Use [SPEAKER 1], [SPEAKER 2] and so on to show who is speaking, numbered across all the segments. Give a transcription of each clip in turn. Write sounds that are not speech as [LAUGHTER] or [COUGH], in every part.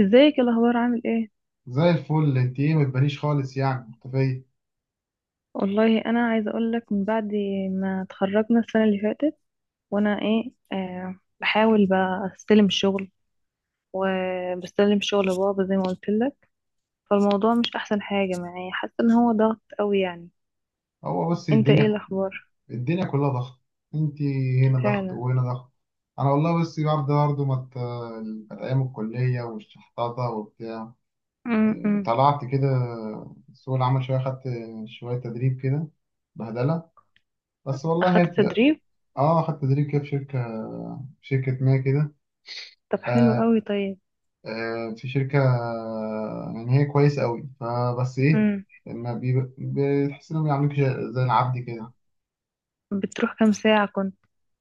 [SPEAKER 1] ازيك؟ إيه الاخبار؟ عامل ايه؟
[SPEAKER 2] زي الفل، انت ايه؟ ما تبانيش خالص، يعني مختفية.
[SPEAKER 1] والله انا عايزه اقول لك من بعد ما اتخرجنا السنه اللي فاتت. وانا ايه آه بحاول بقى استلم شغل، وبستلم شغل بابا زي ما قلت لك. فالموضوع مش احسن حاجه معايا، حاسه ان هو ضغط قوي يعني.
[SPEAKER 2] هو بس
[SPEAKER 1] انت؟ ايه
[SPEAKER 2] الدنيا،
[SPEAKER 1] الاخبار؟
[SPEAKER 2] الدنيا كلها ضغط. انت هنا ضغط
[SPEAKER 1] فعلا.
[SPEAKER 2] وهنا ضغط. انا والله بس برضه ما ت- كانت ايام الكلية والشحطاطة وبتاع.
[SPEAKER 1] امم
[SPEAKER 2] طلعت كده سوق العمل، شوية خدت شوية تدريب كده، بهدلة. بس والله هي
[SPEAKER 1] اخدت تدريب؟
[SPEAKER 2] اه، خدت تدريب كده في شركة، ما كده.
[SPEAKER 1] طب حلو
[SPEAKER 2] آه،
[SPEAKER 1] قوي، طيب.
[SPEAKER 2] في شركة، يعني هي كويس قوي، فبس ايه،
[SPEAKER 1] امم
[SPEAKER 2] ما بيب- بتحس انهم بيعاملوك زي العبد كده.
[SPEAKER 1] بتروح كام ساعه كنت؟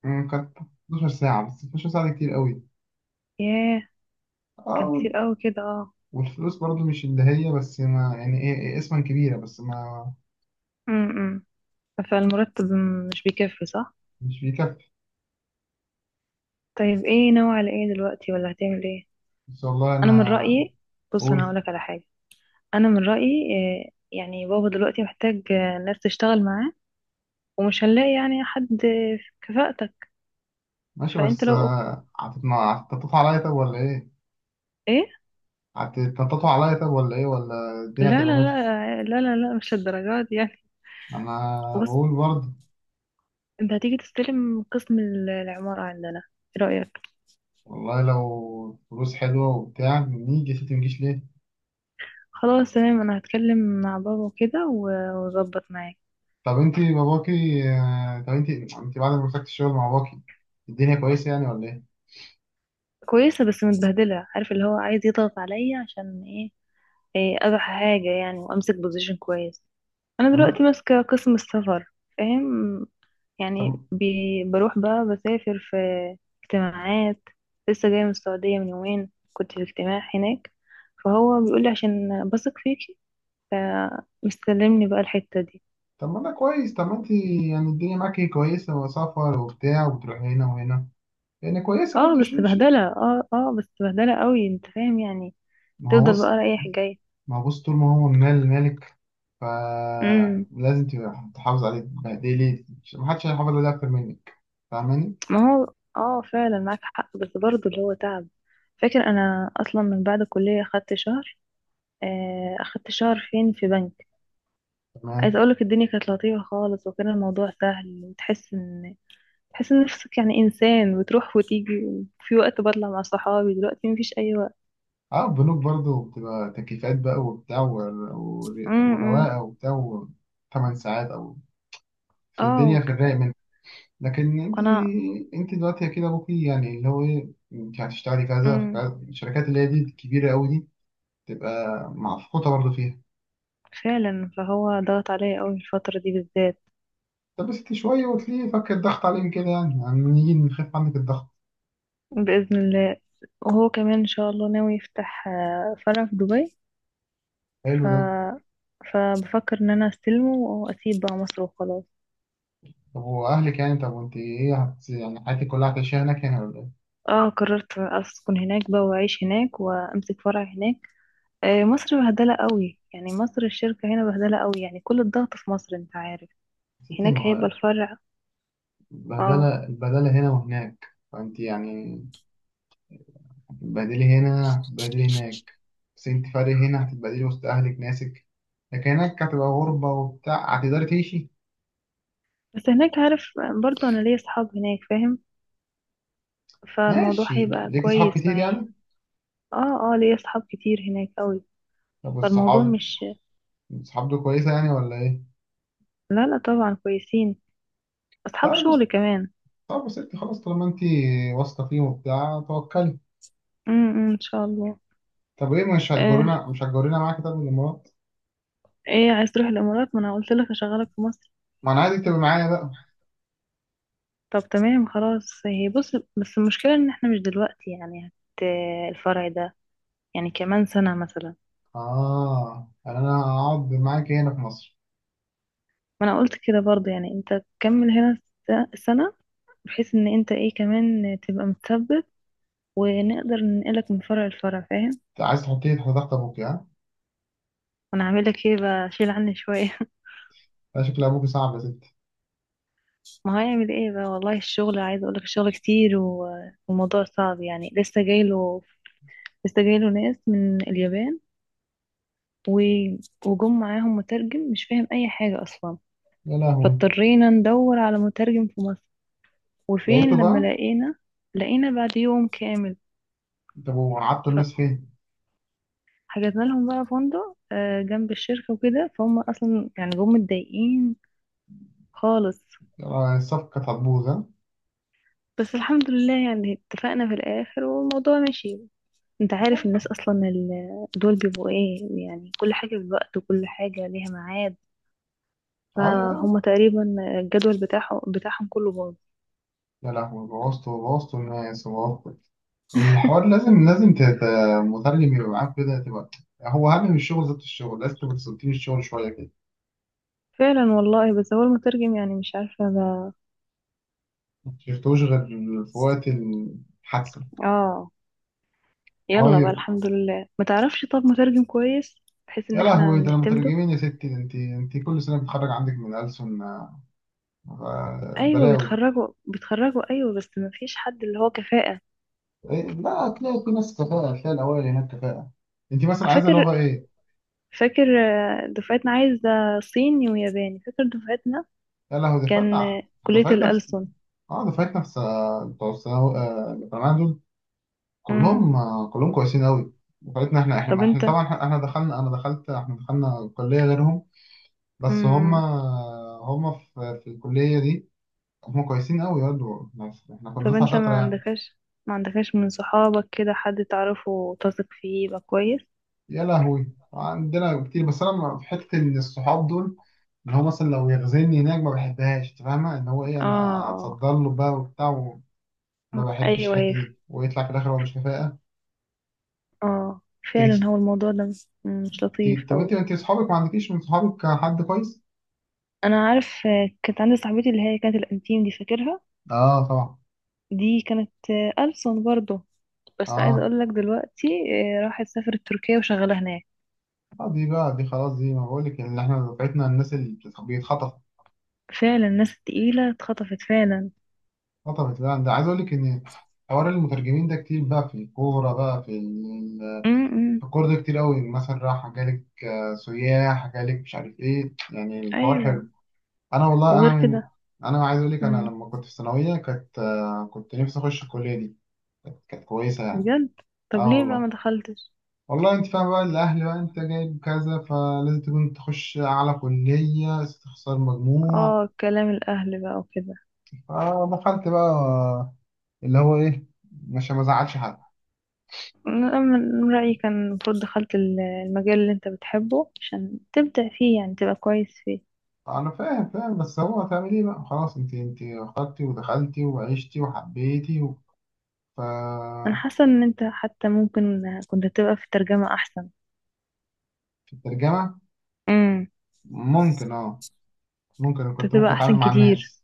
[SPEAKER 2] كانت 12 ساعة، بس 12 ساعة دي كتير قوي.
[SPEAKER 1] ياه.
[SPEAKER 2] اه
[SPEAKER 1] كان كتير
[SPEAKER 2] وال-
[SPEAKER 1] قوي كده، اه.
[SPEAKER 2] والفلوس برضو مش اللي هي، بس ما يعني ايه، إيه اسما كبيرة بس ما
[SPEAKER 1] امم فالمرتب مش بيكفي، صح؟
[SPEAKER 2] مش بيكفي.
[SPEAKER 1] طيب، ايه ناوي على ايه دلوقتي، ولا هتعمل ايه؟
[SPEAKER 2] ان شاء الله
[SPEAKER 1] انا من
[SPEAKER 2] انا
[SPEAKER 1] رأيي، بص انا
[SPEAKER 2] اقول.
[SPEAKER 1] هقولك على حاجة. انا من رأيي يعني بابا دلوقتي محتاج ناس تشتغل معاه، ومش هنلاقي يعني حد في كفاءتك.
[SPEAKER 2] ماشي
[SPEAKER 1] فانت
[SPEAKER 2] بس
[SPEAKER 1] لو
[SPEAKER 2] هتتنططوا عليا طب ولا ايه؟
[SPEAKER 1] ايه...
[SPEAKER 2] هتتنططوا عليا طب ولا ايه؟ ولا الدنيا
[SPEAKER 1] لا، لا،
[SPEAKER 2] هتبقى ماشية؟
[SPEAKER 1] لا، لا، لا، لا، مش الدرجات دي يعني.
[SPEAKER 2] انا
[SPEAKER 1] بص،
[SPEAKER 2] بقول برضه.
[SPEAKER 1] انت هتيجي تستلم قسم العمارة عندنا، ايه رأيك؟
[SPEAKER 2] والله لو فلوس حلوة وبتاع نيجي يا ستي، مجيش ليه؟
[SPEAKER 1] خلاص، تمام، انا هتكلم مع بابا وكده واظبط معاك.
[SPEAKER 2] طب انت باباكي، طب انت، انت بعد ما مسكت الشغل مع باباكي الدنيا كويسه يعني ولا ايه؟
[SPEAKER 1] كويسة بس متبهدلة، عارف، اللي هو عايز يضغط عليا عشان ايه. إيه، اروح حاجة يعني وامسك بوزيشن كويس. انا
[SPEAKER 2] طب ما
[SPEAKER 1] دلوقتي
[SPEAKER 2] ده،
[SPEAKER 1] ماسكة قسم السفر، فاهم؟
[SPEAKER 2] طب
[SPEAKER 1] يعني بروح بقى بسافر في اجتماعات. لسه جاية من السعودية، من يومين كنت في اجتماع هناك. فهو بيقول لي عشان بثق فيكي، فمستلمني بقى الحتة دي.
[SPEAKER 2] طب ما ده كويس. طب ما انت يعني الدنيا معاكي كويسه، وسفر وبتاع، وبتروحي هنا وهنا، يعني كويسه
[SPEAKER 1] اه،
[SPEAKER 2] برضه.
[SPEAKER 1] بس بهدلة. اه، اه، بس بهدلة قوي، انت فاهم يعني،
[SPEAKER 2] ما هو
[SPEAKER 1] تفضل بقى
[SPEAKER 2] بص،
[SPEAKER 1] رايح جاي.
[SPEAKER 2] ما هو بص، طول ما هو من مال مالك
[SPEAKER 1] امم
[SPEAKER 2] فلازم تبقى تحافظ عليه، تبهدلي ما حدش هيحافظ عليه اكتر منك، فاهماني؟
[SPEAKER 1] ما هو، اه، فعلا معاك حق، بس برضه اللي هو تعب. فاكر، انا اصلا من بعد الكلية خدت شهر، اخدت شهر فين، في بنك. عايزه
[SPEAKER 2] تمام.
[SPEAKER 1] اقولك، الدنيا كانت لطيفه خالص، وكان الموضوع سهل. وتحس ان تحس ان نفسك يعني انسان، بتروح وتيجي. في وقت بطلع مع صحابي، دلوقتي مفيش اي وقت.
[SPEAKER 2] اه، البنوك برضه بتبقى تكييفات بقى وبتاع،
[SPEAKER 1] امم، إمم.
[SPEAKER 2] ورواقه وبتاع. 8 ساعات او،
[SPEAKER 1] اه،
[SPEAKER 2] فالدنيا في الرايق منك. لكن انت،
[SPEAKER 1] وانا...
[SPEAKER 2] انت دلوقتي كده ابوكي يعني اللي هو ايه، انت هتشتغلي كذا في
[SPEAKER 1] امم
[SPEAKER 2] كذا، الشركات اللي هي دي الكبيره قوي دي تبقى معفقوطه برضه فيها.
[SPEAKER 1] فعلا، فهو ضغط عليا قوي الفتره دي بالذات.
[SPEAKER 2] طب بس انت شويه وتلاقيه فك الضغط عليهم كده، يعني يعني نيجي نخف عنك الضغط.
[SPEAKER 1] باذن الله. وهو كمان ان شاء الله ناوي يفتح فرع في دبي. ف
[SPEAKER 2] حلو ده.
[SPEAKER 1] فبفكر ان انا استلمه واسيب بقى مصر، وخلاص.
[SPEAKER 2] طب واهلك يعني، طب وانت ايه، يعني حياتك كلها هتعيشيها هناك هنا ولا ايه؟
[SPEAKER 1] اه، قررت اسكن هناك بقى، واعيش هناك، وامسك فرع هناك. مصر بهدله قوي يعني، مصر الشركه هنا بهدله قوي يعني، كل الضغط في مصر، انت عارف.
[SPEAKER 2] يا ستي
[SPEAKER 1] هناك
[SPEAKER 2] ما
[SPEAKER 1] هيبقى
[SPEAKER 2] هو
[SPEAKER 1] الفرع. اه،
[SPEAKER 2] البهدله، البهدله هنا وهناك. فانت يعني هتتبهدلي هنا، هتتبهدلي هناك. بس انت فارق، هنا هتتبهدلي وسط اهلك ناسك، لكن هناك هتبقى غربة وبتاع، هتقدري تعيشي؟
[SPEAKER 1] بس هناك، عارف، برضو انا ليا اصحاب هناك، فاهم؟ فالموضوع
[SPEAKER 2] ماشي،
[SPEAKER 1] هيبقى
[SPEAKER 2] ليكي صحاب
[SPEAKER 1] كويس
[SPEAKER 2] كتير
[SPEAKER 1] معايا.
[SPEAKER 2] يعني؟
[SPEAKER 1] اه، اه، ليا اصحاب كتير هناك قوي.
[SPEAKER 2] طب
[SPEAKER 1] فالموضوع
[SPEAKER 2] والصحاب،
[SPEAKER 1] مش...
[SPEAKER 2] الصحاب دول كويسة يعني ولا ايه؟
[SPEAKER 1] لا، لا، طبعا كويسين، اصحاب
[SPEAKER 2] طيب بس،
[SPEAKER 1] شغل كمان.
[SPEAKER 2] طب بس انت خلاص طالما انت واثقة فيهم وبتاع، توكلي.
[SPEAKER 1] امم، أمم، ان شاء الله.
[SPEAKER 2] طب ايه، مش
[SPEAKER 1] آه.
[SPEAKER 2] هتجرينا، مش هتجرينا معاكي طب الامارات؟
[SPEAKER 1] ايه، عايز تروح الامارات؟ ما انا قلت لك اشغلك في مصر.
[SPEAKER 2] ما انا عايزك تبقي معايا بقى.
[SPEAKER 1] طب تمام، خلاص، هي بص، بس المشكلة ان احنا مش دلوقتي، يعني الفرع ده يعني كمان سنة مثلا.
[SPEAKER 2] اه، يعني انا هقعد معاكي هنا في مصر؟
[SPEAKER 1] ما انا قلت كده برضه، يعني انت تكمل هنا سنة، بحيث ان انت ايه كمان تبقى متثبت، ونقدر ننقلك من فرع لفرع، فاهم؟
[SPEAKER 2] انت عايز تحطيه تحت ضغط ابوكي ها؟
[SPEAKER 1] وانا هعمل لك ايه بقى، شيل عني شوية.
[SPEAKER 2] ده شكل ابوكي صعب يا ستي.
[SPEAKER 1] [LAUGHS] ما هو هيعمل ايه بقى. والله الشغل، عايز اقول لك الشغل كتير والموضوع صعب يعني. لسه جايله ناس من اليابان و- وجم معاهم مترجم مش فاهم اي حاجة اصلا.
[SPEAKER 2] يا لهوي،
[SPEAKER 1] فاضطرينا ندور على مترجم في مصر.
[SPEAKER 2] لقيته
[SPEAKER 1] وفين لما
[SPEAKER 2] بقى؟
[SPEAKER 1] لقينا، لقينا بعد يوم كامل.
[SPEAKER 2] طب وقعدتوا الناس فين؟
[SPEAKER 1] فحجزنا لهم بقى فندق جنب الشركة وكده. فهم أصلا يعني جم متضايقين خالص.
[SPEAKER 2] آه، الصفقة كانت هتبوظ ها؟
[SPEAKER 1] بس الحمد لله، يعني اتفقنا في الآخر والموضوع مشي. انت عارف الناس أصلا دول بيبقوا ايه، يعني كل حاجة بالوقت وكل حاجة ليها ميعاد،
[SPEAKER 2] أيوه
[SPEAKER 1] فهم
[SPEAKER 2] أيوه.
[SPEAKER 1] تقريبا الجدول بتاعهم كله باظ.
[SPEAKER 2] يا لهوي، بوظتوا، بوظتوا الناس، وبوظتوا الحوار. لازم مترجم يبقى معاك كده، تبقى هو أهم من الشغل ذات الشغل، لازم تبقى تسلطين الشغل شوية كده.
[SPEAKER 1] فعلا والله، بس هو المترجم يعني مش عارفة بقى.
[SPEAKER 2] ما شفتوش غير في وقت الحادثة؟
[SPEAKER 1] اه، يلا بقى،
[SPEAKER 2] طيب.
[SPEAKER 1] الحمد لله. ما تعرفش طب مترجم كويس بحيث ان
[SPEAKER 2] يا
[SPEAKER 1] احنا
[SPEAKER 2] لهوي ده، أنا
[SPEAKER 1] نعتمده؟
[SPEAKER 2] مترجمين يا ستي ده، أنت، أنت كل سنة بتخرج عندك من ألسن
[SPEAKER 1] ايوه،
[SPEAKER 2] بلاوي.
[SPEAKER 1] بيتخرجوا، بيتخرجوا ايوه، بس ما فيش حد اللي هو كفاءة.
[SPEAKER 2] إيه؟ لا، هتلاقي في ناس كفاءة، هتلاقي الأوائل هناك كفاءة. أنت مثلا عايزة
[SPEAKER 1] فاكر
[SPEAKER 2] لغة إيه؟
[SPEAKER 1] فاكر دفعتنا عايزة صيني وياباني. فاكر دفعتنا
[SPEAKER 2] يا لهوي،
[SPEAKER 1] كان
[SPEAKER 2] دفعتنا
[SPEAKER 1] كلية
[SPEAKER 2] دفعتنا
[SPEAKER 1] الألسن.
[SPEAKER 2] اه، بتوع الثانوي، بتوع الجامعة دول
[SPEAKER 1] امم
[SPEAKER 2] كلهم، كلهم كويسين قوي. دفعتنا احنا
[SPEAKER 1] طب
[SPEAKER 2] احنا احنا
[SPEAKER 1] انت
[SPEAKER 2] طبعا احنا إحنا دخلنا انا دخلت احنا دخلنا كلية غيرهم. بس هم،
[SPEAKER 1] امم
[SPEAKER 2] هم في الكلية دي، هم كويسين قوي برضه، بس احنا كنا
[SPEAKER 1] طب
[SPEAKER 2] دفعة
[SPEAKER 1] انت
[SPEAKER 2] شاطرة
[SPEAKER 1] ما
[SPEAKER 2] يعني.
[SPEAKER 1] عندكش ما عندكش من صحابك كده حد تعرفه وتثق فيه يبقى كويس؟
[SPEAKER 2] يا لهوي، عندنا كتير، بس انا في حتة، ان الصحاب دول اللي هو مثلا لو يغزلني هناك ما بحبهاش. انت فاهمة ان هو ايه،
[SPEAKER 1] اه،
[SPEAKER 2] انا
[SPEAKER 1] اه،
[SPEAKER 2] اتصدر له بقى وبتاع، وما بحبش
[SPEAKER 1] ايوه، هي،
[SPEAKER 2] الحتة دي، ويطلع في الاخر هو مش كفاءة.
[SPEAKER 1] اه، فعلا،
[SPEAKER 2] تيجي،
[SPEAKER 1] هو الموضوع ده مش لطيف
[SPEAKER 2] طب انت
[SPEAKER 1] قوي.
[SPEAKER 2] انت اصحابك، ما عندكيش من صحابك حد كويس؟
[SPEAKER 1] انا عارف. كانت عندي صاحبتي اللي هي كانت الانتيم دي، فاكرها؟
[SPEAKER 2] اه، طبعا.
[SPEAKER 1] دي كانت ألسن برضه. بس عايزه
[SPEAKER 2] اه
[SPEAKER 1] اقول لك دلوقتي، راحت سافرت تركيا وشغاله هناك.
[SPEAKER 2] اه، دي بقى، دي خلاص، دي ما بقول لك، اللي احنا دفعتنا الناس اللي بيتخطف.
[SPEAKER 1] فعلا، الناس التقيله اتخطفت فعلا.
[SPEAKER 2] خطفت بقى. ده عايز اقول لك ان حوار المترجمين ده كتير بقى في الكوره بقى،
[SPEAKER 1] امم
[SPEAKER 2] في الكوره ده كتير قوي، مثلا راح جالك سياح جالك، مش عارف ايه، يعني الحوار
[SPEAKER 1] ايوه،
[SPEAKER 2] حلو. انا والله انا
[SPEAKER 1] وغير
[SPEAKER 2] من
[SPEAKER 1] كده.
[SPEAKER 2] انا عايز اقول لك انا
[SPEAKER 1] امم
[SPEAKER 2] لما كنت في الثانويه كانت، كنت نفسي اخش الكليه دي، كانت كويسه يعني.
[SPEAKER 1] بجد. طب
[SPEAKER 2] اه
[SPEAKER 1] ليه بقى ما
[SPEAKER 2] والله،
[SPEAKER 1] دخلتش؟
[SPEAKER 2] والله انت فاهم بقى، الاهل بقى، انت جايب كذا فلازم تكون تخش اعلى كليه، تخسر مجموع.
[SPEAKER 1] اه، كلام الاهل بقى وكده.
[SPEAKER 2] فدخلت بقى اللي هو ايه، مش ما زعلش حد.
[SPEAKER 1] أنا من رأيي كان المفروض دخلت المجال اللي انت بتحبه، عشان تبدع فيه يعني، تبقى كويس فيه.
[SPEAKER 2] انا فاهم فاهم، بس هو هتعمل ايه بقى خلاص، انت انت اخترتي ودخلتي وعشتي وحبيتي و... ف
[SPEAKER 1] انا حاسه ان انت حتى ممكن كنت تبقى في الترجمه احسن،
[SPEAKER 2] في الترجمه ممكن اه، ممكن
[SPEAKER 1] كنت
[SPEAKER 2] كنت ممكن
[SPEAKER 1] هتبقى
[SPEAKER 2] اتعامل
[SPEAKER 1] احسن
[SPEAKER 2] مع
[SPEAKER 1] كتير.
[SPEAKER 2] الناس.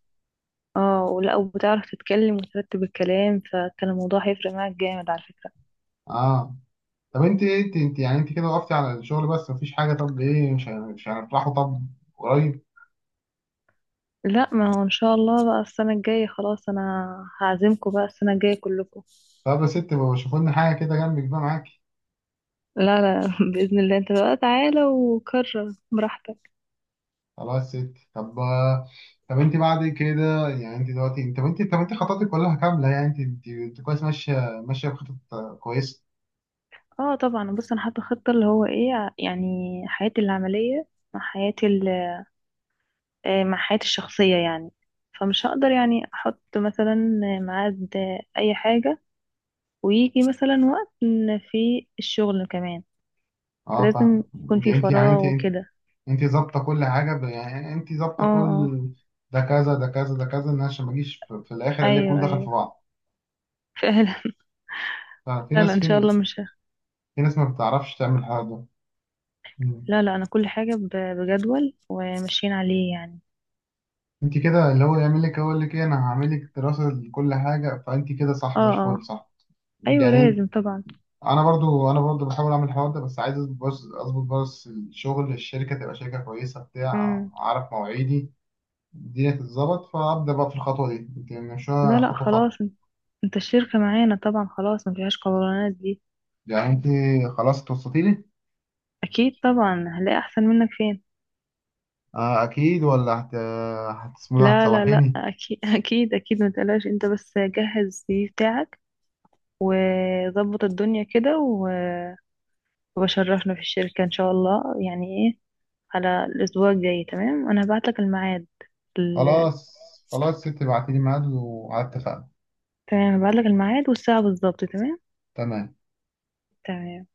[SPEAKER 1] اه، ولا، وبتعرف تتكلم وترتب الكلام، فكان الموضوع هيفرق معاك جامد على فكرة.
[SPEAKER 2] اه. طب انت ايه، انت يعني انت كده وقفتي على الشغل بس مفيش حاجه، طب ايه، مش هنفرحوا طب قريب؟
[SPEAKER 1] لا، ما هو ان شاء الله بقى السنة الجاية، خلاص، انا هعزمكم بقى السنة الجاية كلكم.
[SPEAKER 2] طب يا ست، ما شوفوا لنا حاجه كده جنبك بقى معاكي.
[SPEAKER 1] لا، لا، [LAUGHS] بإذن الله. انت بقى تعالى وكرر براحتك.
[SPEAKER 2] خلاص يا ست، طب. طب انت بعد كده يعني، انت دلوقتي، انت طب انت، طب انت خططك كلها كامله يعني، انت كويس، ماشيه ماشيه بخطط كويسه.
[SPEAKER 1] اه طبعا. بص، انا حاطة خطة، اللي هو ايه، يعني حياتي العملية مع حياتي ال- آه، مع حياتي الشخصية يعني. فمش هقدر يعني احط مثلا ميعاد اي حاجة، ويجي مثلا وقت إن في الشغل كمان
[SPEAKER 2] اه فاهم.
[SPEAKER 1] لازم يكون
[SPEAKER 2] انت
[SPEAKER 1] في
[SPEAKER 2] انت يعني
[SPEAKER 1] فراغ
[SPEAKER 2] انت
[SPEAKER 1] وكده.
[SPEAKER 2] انت ظابطه كل حاجه، يعني انت
[SPEAKER 1] اه،
[SPEAKER 2] ظابطه
[SPEAKER 1] اه،
[SPEAKER 2] كل ده كذا ده كذا ده كذا، ان عشان ما اجيش في الاخر الاقي
[SPEAKER 1] ايوه،
[SPEAKER 2] كله دخل
[SPEAKER 1] ايوه،
[SPEAKER 2] في بعض.
[SPEAKER 1] فعلا. [LAUGHS]
[SPEAKER 2] ففي
[SPEAKER 1] فعلا
[SPEAKER 2] ناس
[SPEAKER 1] ان شاء الله مش ه-
[SPEAKER 2] في ناس ما بتعرفش تعمل الحوار ده. مم.
[SPEAKER 1] لا، لا، انا كل حاجة بجدول وماشيين عليه يعني.
[SPEAKER 2] انت كده، اللي هو يعمل لك يقول لك ايه، انا هعمل لك دراسه لكل حاجه، فانت كده صح
[SPEAKER 1] اه،
[SPEAKER 2] زي الفل
[SPEAKER 1] اه،
[SPEAKER 2] صح
[SPEAKER 1] ايوه،
[SPEAKER 2] يعني.
[SPEAKER 1] لازم طبعا.
[SPEAKER 2] انا برضو بحاول اعمل الحوار ده، بس عايز اظبط، بس الشغل، الشركه تبقى شركه كويسه بتاع
[SPEAKER 1] امم
[SPEAKER 2] اعرف مواعيدي، الدنيا تتظبط، فابدا بقى في الخطوه دي. انت
[SPEAKER 1] لا،
[SPEAKER 2] ماشيه
[SPEAKER 1] لا،
[SPEAKER 2] خطوه خطوه،
[SPEAKER 1] خلاص. انت الشركة معانا طبعا، خلاص، ما فيهاش قولانات دي.
[SPEAKER 2] يعني انت خلاص توصلتي لي.
[SPEAKER 1] اكيد طبعا، هنلاقي احسن منك فين؟
[SPEAKER 2] آه اكيد، ولا هتسمو ده،
[SPEAKER 1] لا، لا، لا،
[SPEAKER 2] هتسوحيني.
[SPEAKER 1] اكيد. [LAUGHS] اكيد، اكيد، ما تقلقش. انت بس جهز السي في بتاعك، وظبط الدنيا كده وبشرفنا في الشركة ان شاء الله يعني. إيه؟ على الأسبوع الجاي تمام. أنا هبعتلك الميعاد ال...
[SPEAKER 2] خلاص، خلاص ست، ابعتي لي ميعاد وعلى اتفقنا.
[SPEAKER 1] تمام، هبعتلك الميعاد والساعة بالظبط. تمام.
[SPEAKER 2] تمام.
[SPEAKER 1] تمام.